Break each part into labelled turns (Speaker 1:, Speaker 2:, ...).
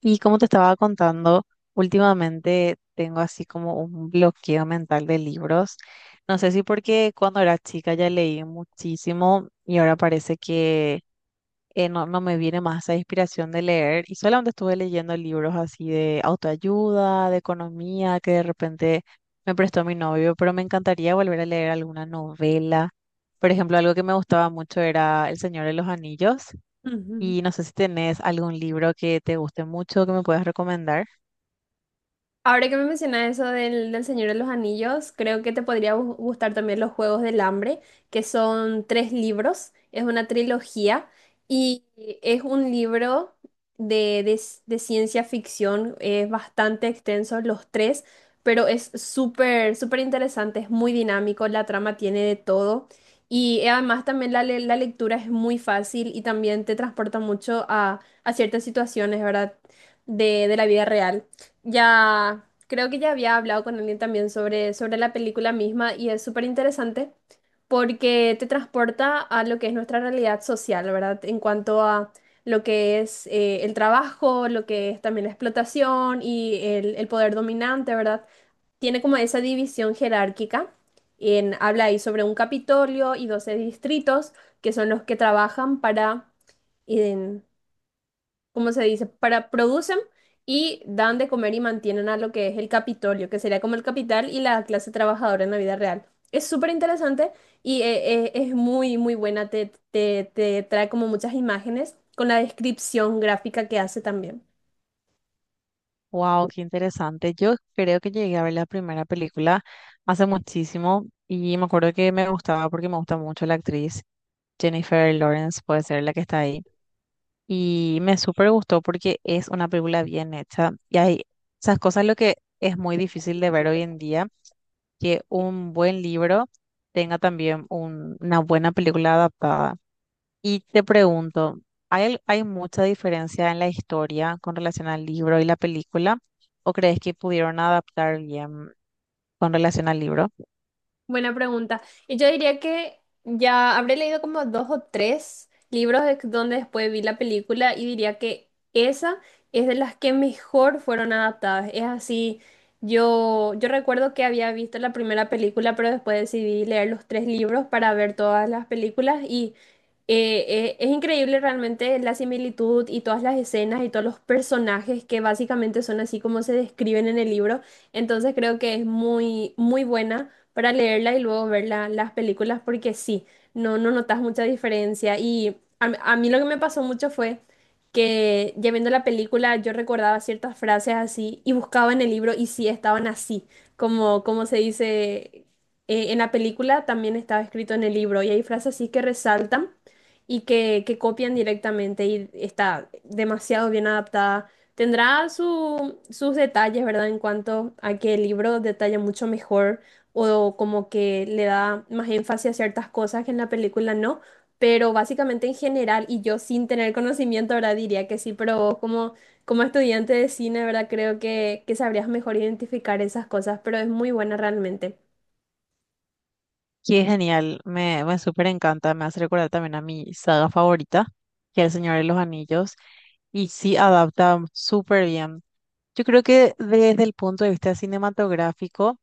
Speaker 1: Y como te estaba contando, últimamente tengo así como un bloqueo mental de libros. No sé si porque cuando era chica ya leí muchísimo y ahora parece que no me viene más esa inspiración de leer y solamente estuve leyendo libros así de autoayuda, de economía, que de repente me prestó mi novio, pero me encantaría volver a leer alguna novela. Por ejemplo, algo que me gustaba mucho era El Señor de los Anillos
Speaker 2: Ujú.
Speaker 1: y no sé si tenés algún libro que te guste mucho que me puedas recomendar.
Speaker 2: Ahora que me mencionas eso del Señor de los Anillos, creo que te podría gustar también Los Juegos del Hambre, que son tres libros, es una trilogía y es un libro de ciencia ficción, es bastante extenso los tres, pero es súper, súper interesante, es muy dinámico, la trama tiene de todo y además también la lectura es muy fácil y también te transporta mucho a ciertas situaciones, ¿verdad? De la vida real. Ya, creo que ya había hablado con alguien también sobre la película misma y es súper interesante porque te transporta a lo que es nuestra realidad social, ¿verdad? En cuanto a lo que es el trabajo, lo que es también la explotación y el poder dominante, ¿verdad? Tiene como esa división jerárquica. Habla ahí sobre un Capitolio y 12 distritos que son los que trabajan para, en- como se dice, para producen y dan de comer y mantienen a lo que es el Capitolio, que sería como el capital y la clase trabajadora en la vida real. Es súper interesante y es muy, muy buena, te trae como muchas imágenes con la descripción gráfica que hace también.
Speaker 1: Wow, qué interesante. Yo creo que llegué a ver la primera película hace muchísimo y me acuerdo que me gustaba porque me gusta mucho la actriz Jennifer Lawrence, puede ser la que está ahí. Y me súper gustó porque es una película bien hecha y hay esas cosas lo que es muy difícil de ver hoy en día, que un buen libro tenga también una buena película adaptada. Y te pregunto, ¿hay, hay mucha diferencia en la historia con relación al libro y la película? ¿O crees que pudieron adaptar bien con relación al libro?
Speaker 2: Buena pregunta. Y yo diría que ya habré leído como dos o tres libros donde después vi la película y diría que esa es de las que mejor fueron adaptadas. Es así, yo recuerdo que había visto la primera película, pero después decidí leer los tres libros para ver todas las películas y eh, es increíble realmente la similitud y todas las escenas y todos los personajes que básicamente son así como se describen en el libro. Entonces creo que es muy, muy buena para leerla y luego ver las películas porque sí, no, no notas mucha diferencia. Y a mí lo que me pasó mucho fue que ya viendo la película yo recordaba ciertas frases así y buscaba en el libro y sí estaban así, como se dice en la película, también estaba escrito en el libro y hay frases así que resaltan y que copian directamente y está demasiado bien adaptada. Tendrá sus detalles, ¿verdad? En cuanto a que el libro detalla mucho mejor o como que le da más énfasis a ciertas cosas que en la película no, pero básicamente en general, y yo sin tener conocimiento ahora diría que sí, pero vos como, como estudiante de cine, ¿verdad? Creo que sabrías mejor identificar esas cosas, pero es muy buena realmente.
Speaker 1: Qué genial, me súper encanta, me hace recordar también a mi saga favorita, que es El Señor de los Anillos, y sí adapta súper bien. Yo creo que desde el punto de vista cinematográfico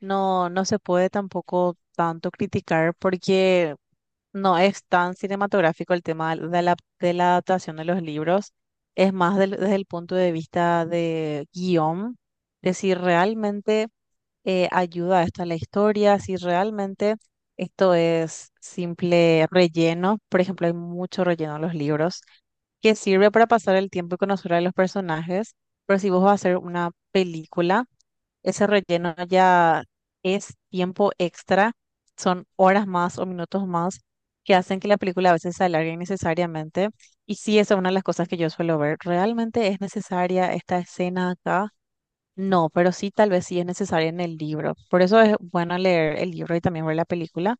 Speaker 1: no se puede tampoco tanto criticar porque no es tan cinematográfico el tema de de la adaptación de los libros, es más desde el punto de vista de guión, de si realmente ayuda esto a la historia, si realmente esto es simple relleno. Por ejemplo, hay mucho relleno en los libros que sirve para pasar el tiempo y conocer a los personajes, pero si vos vas a hacer una película ese relleno ya es tiempo extra, son horas más o minutos más que hacen que la película a veces se alargue innecesariamente. Y sí, esa es una de las cosas que yo suelo ver. ¿Realmente es necesaria esta escena acá? No, pero sí, tal vez sí es necesaria en el libro. Por eso es bueno leer el libro y también ver la película,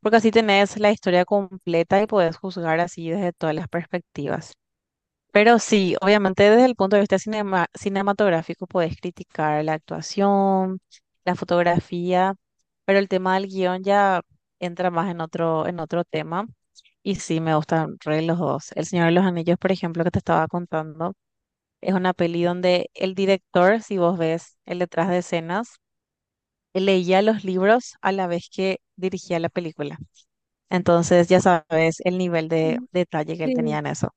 Speaker 1: porque así tenés la historia completa y podés juzgar así desde todas las perspectivas. Pero sí, obviamente desde el punto de vista cinematográfico podés criticar la actuación, la fotografía, pero el tema del guión ya entra más en en otro tema. Y sí, me gustan re los dos. El Señor de los Anillos, por ejemplo, que te estaba contando, es una peli donde el director, si vos ves el detrás de escenas, él leía los libros a la vez que dirigía la película. Entonces, ya sabes el nivel de
Speaker 2: Ujú.
Speaker 1: detalle que él tenía
Speaker 2: Sí,
Speaker 1: en eso.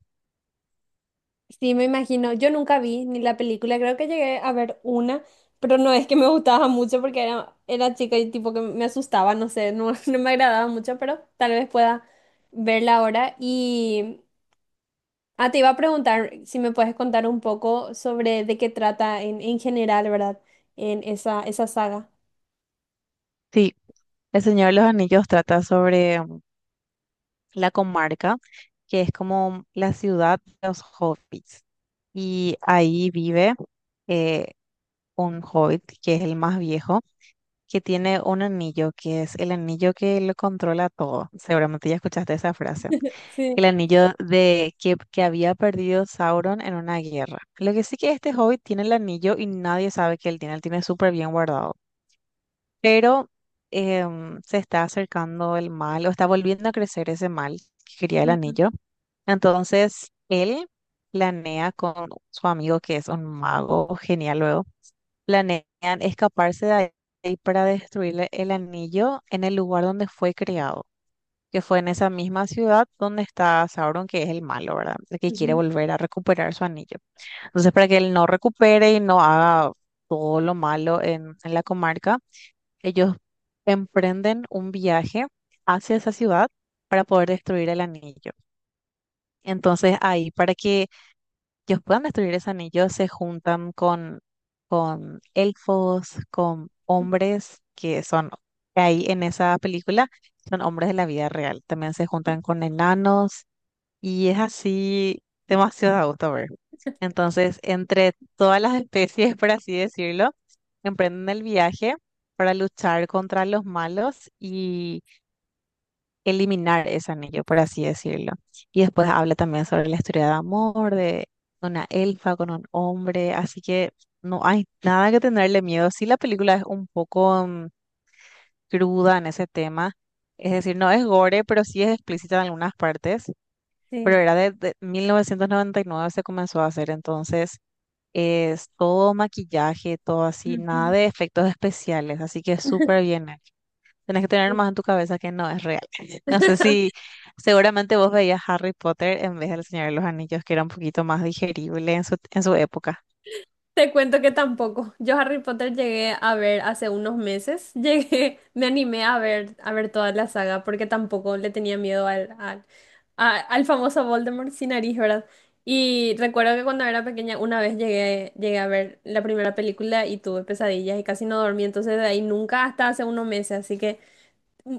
Speaker 2: sí, me imagino. Yo nunca vi ni la película, creo que llegué a ver una, pero no es que me gustaba mucho porque era, era chica y tipo que me asustaba, no sé, no, no me agradaba mucho, pero tal vez pueda verla ahora. Y ah, te iba a preguntar si me puedes contar un poco sobre de qué trata en general, ¿verdad? En esa, esa saga.
Speaker 1: Sí, El Señor de los Anillos trata sobre la comarca, que es como la ciudad de los hobbits. Y ahí vive eh, un hobbit, que es el más viejo, que tiene un anillo, que es el anillo que lo controla todo. Seguramente ya escuchaste esa frase.
Speaker 2: Sí.
Speaker 1: El anillo que había perdido Sauron en una guerra. Lo que sí que este hobbit tiene el anillo y nadie sabe que él tiene. Él tiene súper bien guardado, pero se está acercando el mal o está volviendo a crecer ese mal que quería el
Speaker 2: Ujú,
Speaker 1: anillo. Entonces, él planea con su amigo, que es un mago genial luego, planean escaparse de ahí para destruirle el anillo en el lugar donde fue creado, que fue en esa misma ciudad donde está Sauron, que es el malo, ¿verdad? El que quiere
Speaker 2: ujú,
Speaker 1: volver a recuperar su anillo. Entonces, para que él no recupere y no haga todo lo malo en la comarca, ellos emprenden un viaje hacia esa ciudad para poder destruir el anillo. Entonces ahí, para que ellos puedan destruir ese anillo, se juntan con elfos, con hombres que son, que ahí en esa película, son hombres de la vida real. También se
Speaker 2: ujú.
Speaker 1: juntan con enanos y es así demasiado a gusto ver. Entonces, entre todas las especies, por así decirlo, emprenden el viaje para luchar contra los malos y eliminar ese anillo, por así decirlo. Y después habla también sobre la historia de amor, de una elfa con un hombre, así que no hay nada que tenerle miedo. Sí, la película es un poco cruda en ese tema, es decir, no es gore, pero sí es explícita en algunas partes. Pero
Speaker 2: Sí.
Speaker 1: era de 1999 se comenzó a hacer, entonces es todo maquillaje, todo así, nada
Speaker 2: Ujú.
Speaker 1: de efectos especiales, así que es súper bien hecho. Tienes que tener más en tu cabeza que no es real. No sé si seguramente vos veías Harry Potter en vez del Señor de los Anillos, que era un poquito más digerible en en su época.
Speaker 2: Te cuento que tampoco. Yo Harry Potter llegué a ver hace unos meses. Llegué, me animé a ver toda la saga porque tampoco le tenía miedo al famoso Voldemort sin nariz, ¿verdad? Y recuerdo que cuando era pequeña una vez llegué a ver la primera película y tuve pesadillas y casi no dormí. Entonces de ahí nunca hasta hace unos meses. Así que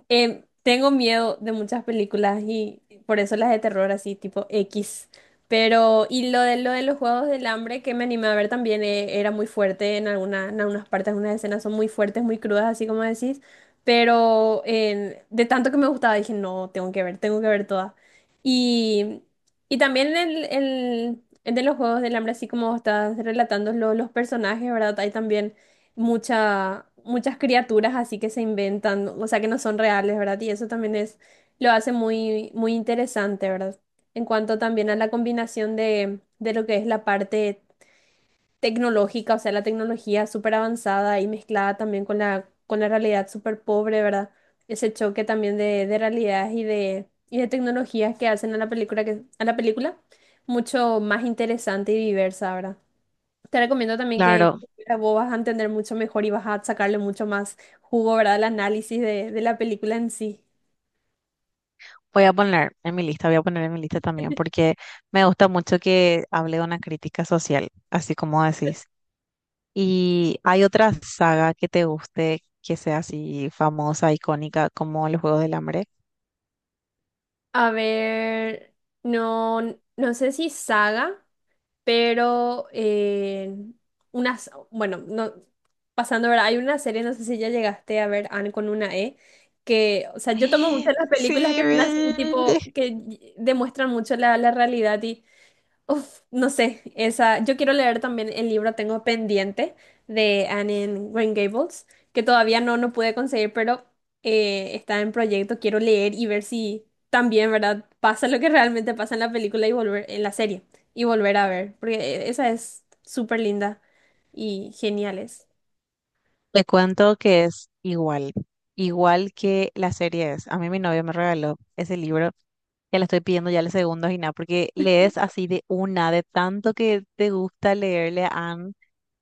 Speaker 2: tengo miedo de muchas películas y por eso las de terror así tipo X. Pero, y lo de los Juegos del Hambre que me animé a ver también era muy fuerte en alguna, en algunas partes, algunas escenas son muy fuertes, muy crudas, así como decís. Pero de tanto que me gustaba dije, no, tengo que ver todas. Y, y también el de los Juegos del Hambre, así como estás relatando los personajes, ¿verdad? Hay también muchas criaturas así que se inventan, o sea, que no son reales, ¿verdad? Y eso también es, lo hace muy, muy interesante, ¿verdad? En cuanto también a la combinación de lo que es la parte tecnológica, o sea, la tecnología súper avanzada y mezclada también con con la realidad súper pobre, ¿verdad? Ese choque también de realidades y de tecnologías que hacen a la película, que, a la película mucho más interesante y diversa, ¿verdad? Te recomiendo también que
Speaker 1: Claro,
Speaker 2: vos vas a entender mucho mejor y vas a sacarle mucho más jugo, ¿verdad? Al análisis de la película en sí.
Speaker 1: voy a poner en mi lista, voy a poner en mi lista también, porque me gusta mucho que hable de una crítica social, así como decís. ¿Y hay otra saga que te guste, que sea así famosa, icónica, como Los Juegos del Hambre?
Speaker 2: A ver, no, no sé si saga, pero unas, bueno, no, pasando, ¿verdad? Hay una serie, no sé si ya llegaste a ver, Anne con una E, que, o sea, yo tomo muchas las
Speaker 1: Sí,
Speaker 2: películas que son así,
Speaker 1: vi.
Speaker 2: tipo, que demuestran mucho la realidad y uf, no sé, esa, yo quiero leer también el libro. Tengo pendiente de Anne en Green Gables, que todavía no, no pude conseguir, pero está en proyecto, quiero leer y ver si también, ¿verdad? Pasa lo que realmente pasa en la película y volver, en la serie, y volver a ver, porque esa es súper linda y genial es.
Speaker 1: Te cuento que es igual, igual que la serie es. A mí mi novio me regaló ese libro, ya le estoy pidiendo ya el segundo y nada, porque lees así de una, de tanto que te gusta leerle a Anne.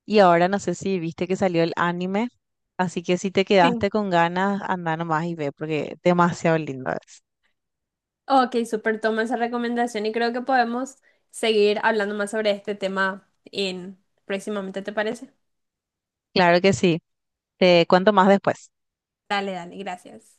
Speaker 1: Y ahora no sé si viste que salió el anime, así que si te
Speaker 2: Sí.
Speaker 1: quedaste con ganas, anda nomás y ve, porque demasiado lindo es.
Speaker 2: Ok, súper, toma esa recomendación y creo que podemos seguir hablando más sobre este tema en próximamente, ¿te parece?
Speaker 1: Claro que sí, te cuento más después.
Speaker 2: Dale, dale, gracias.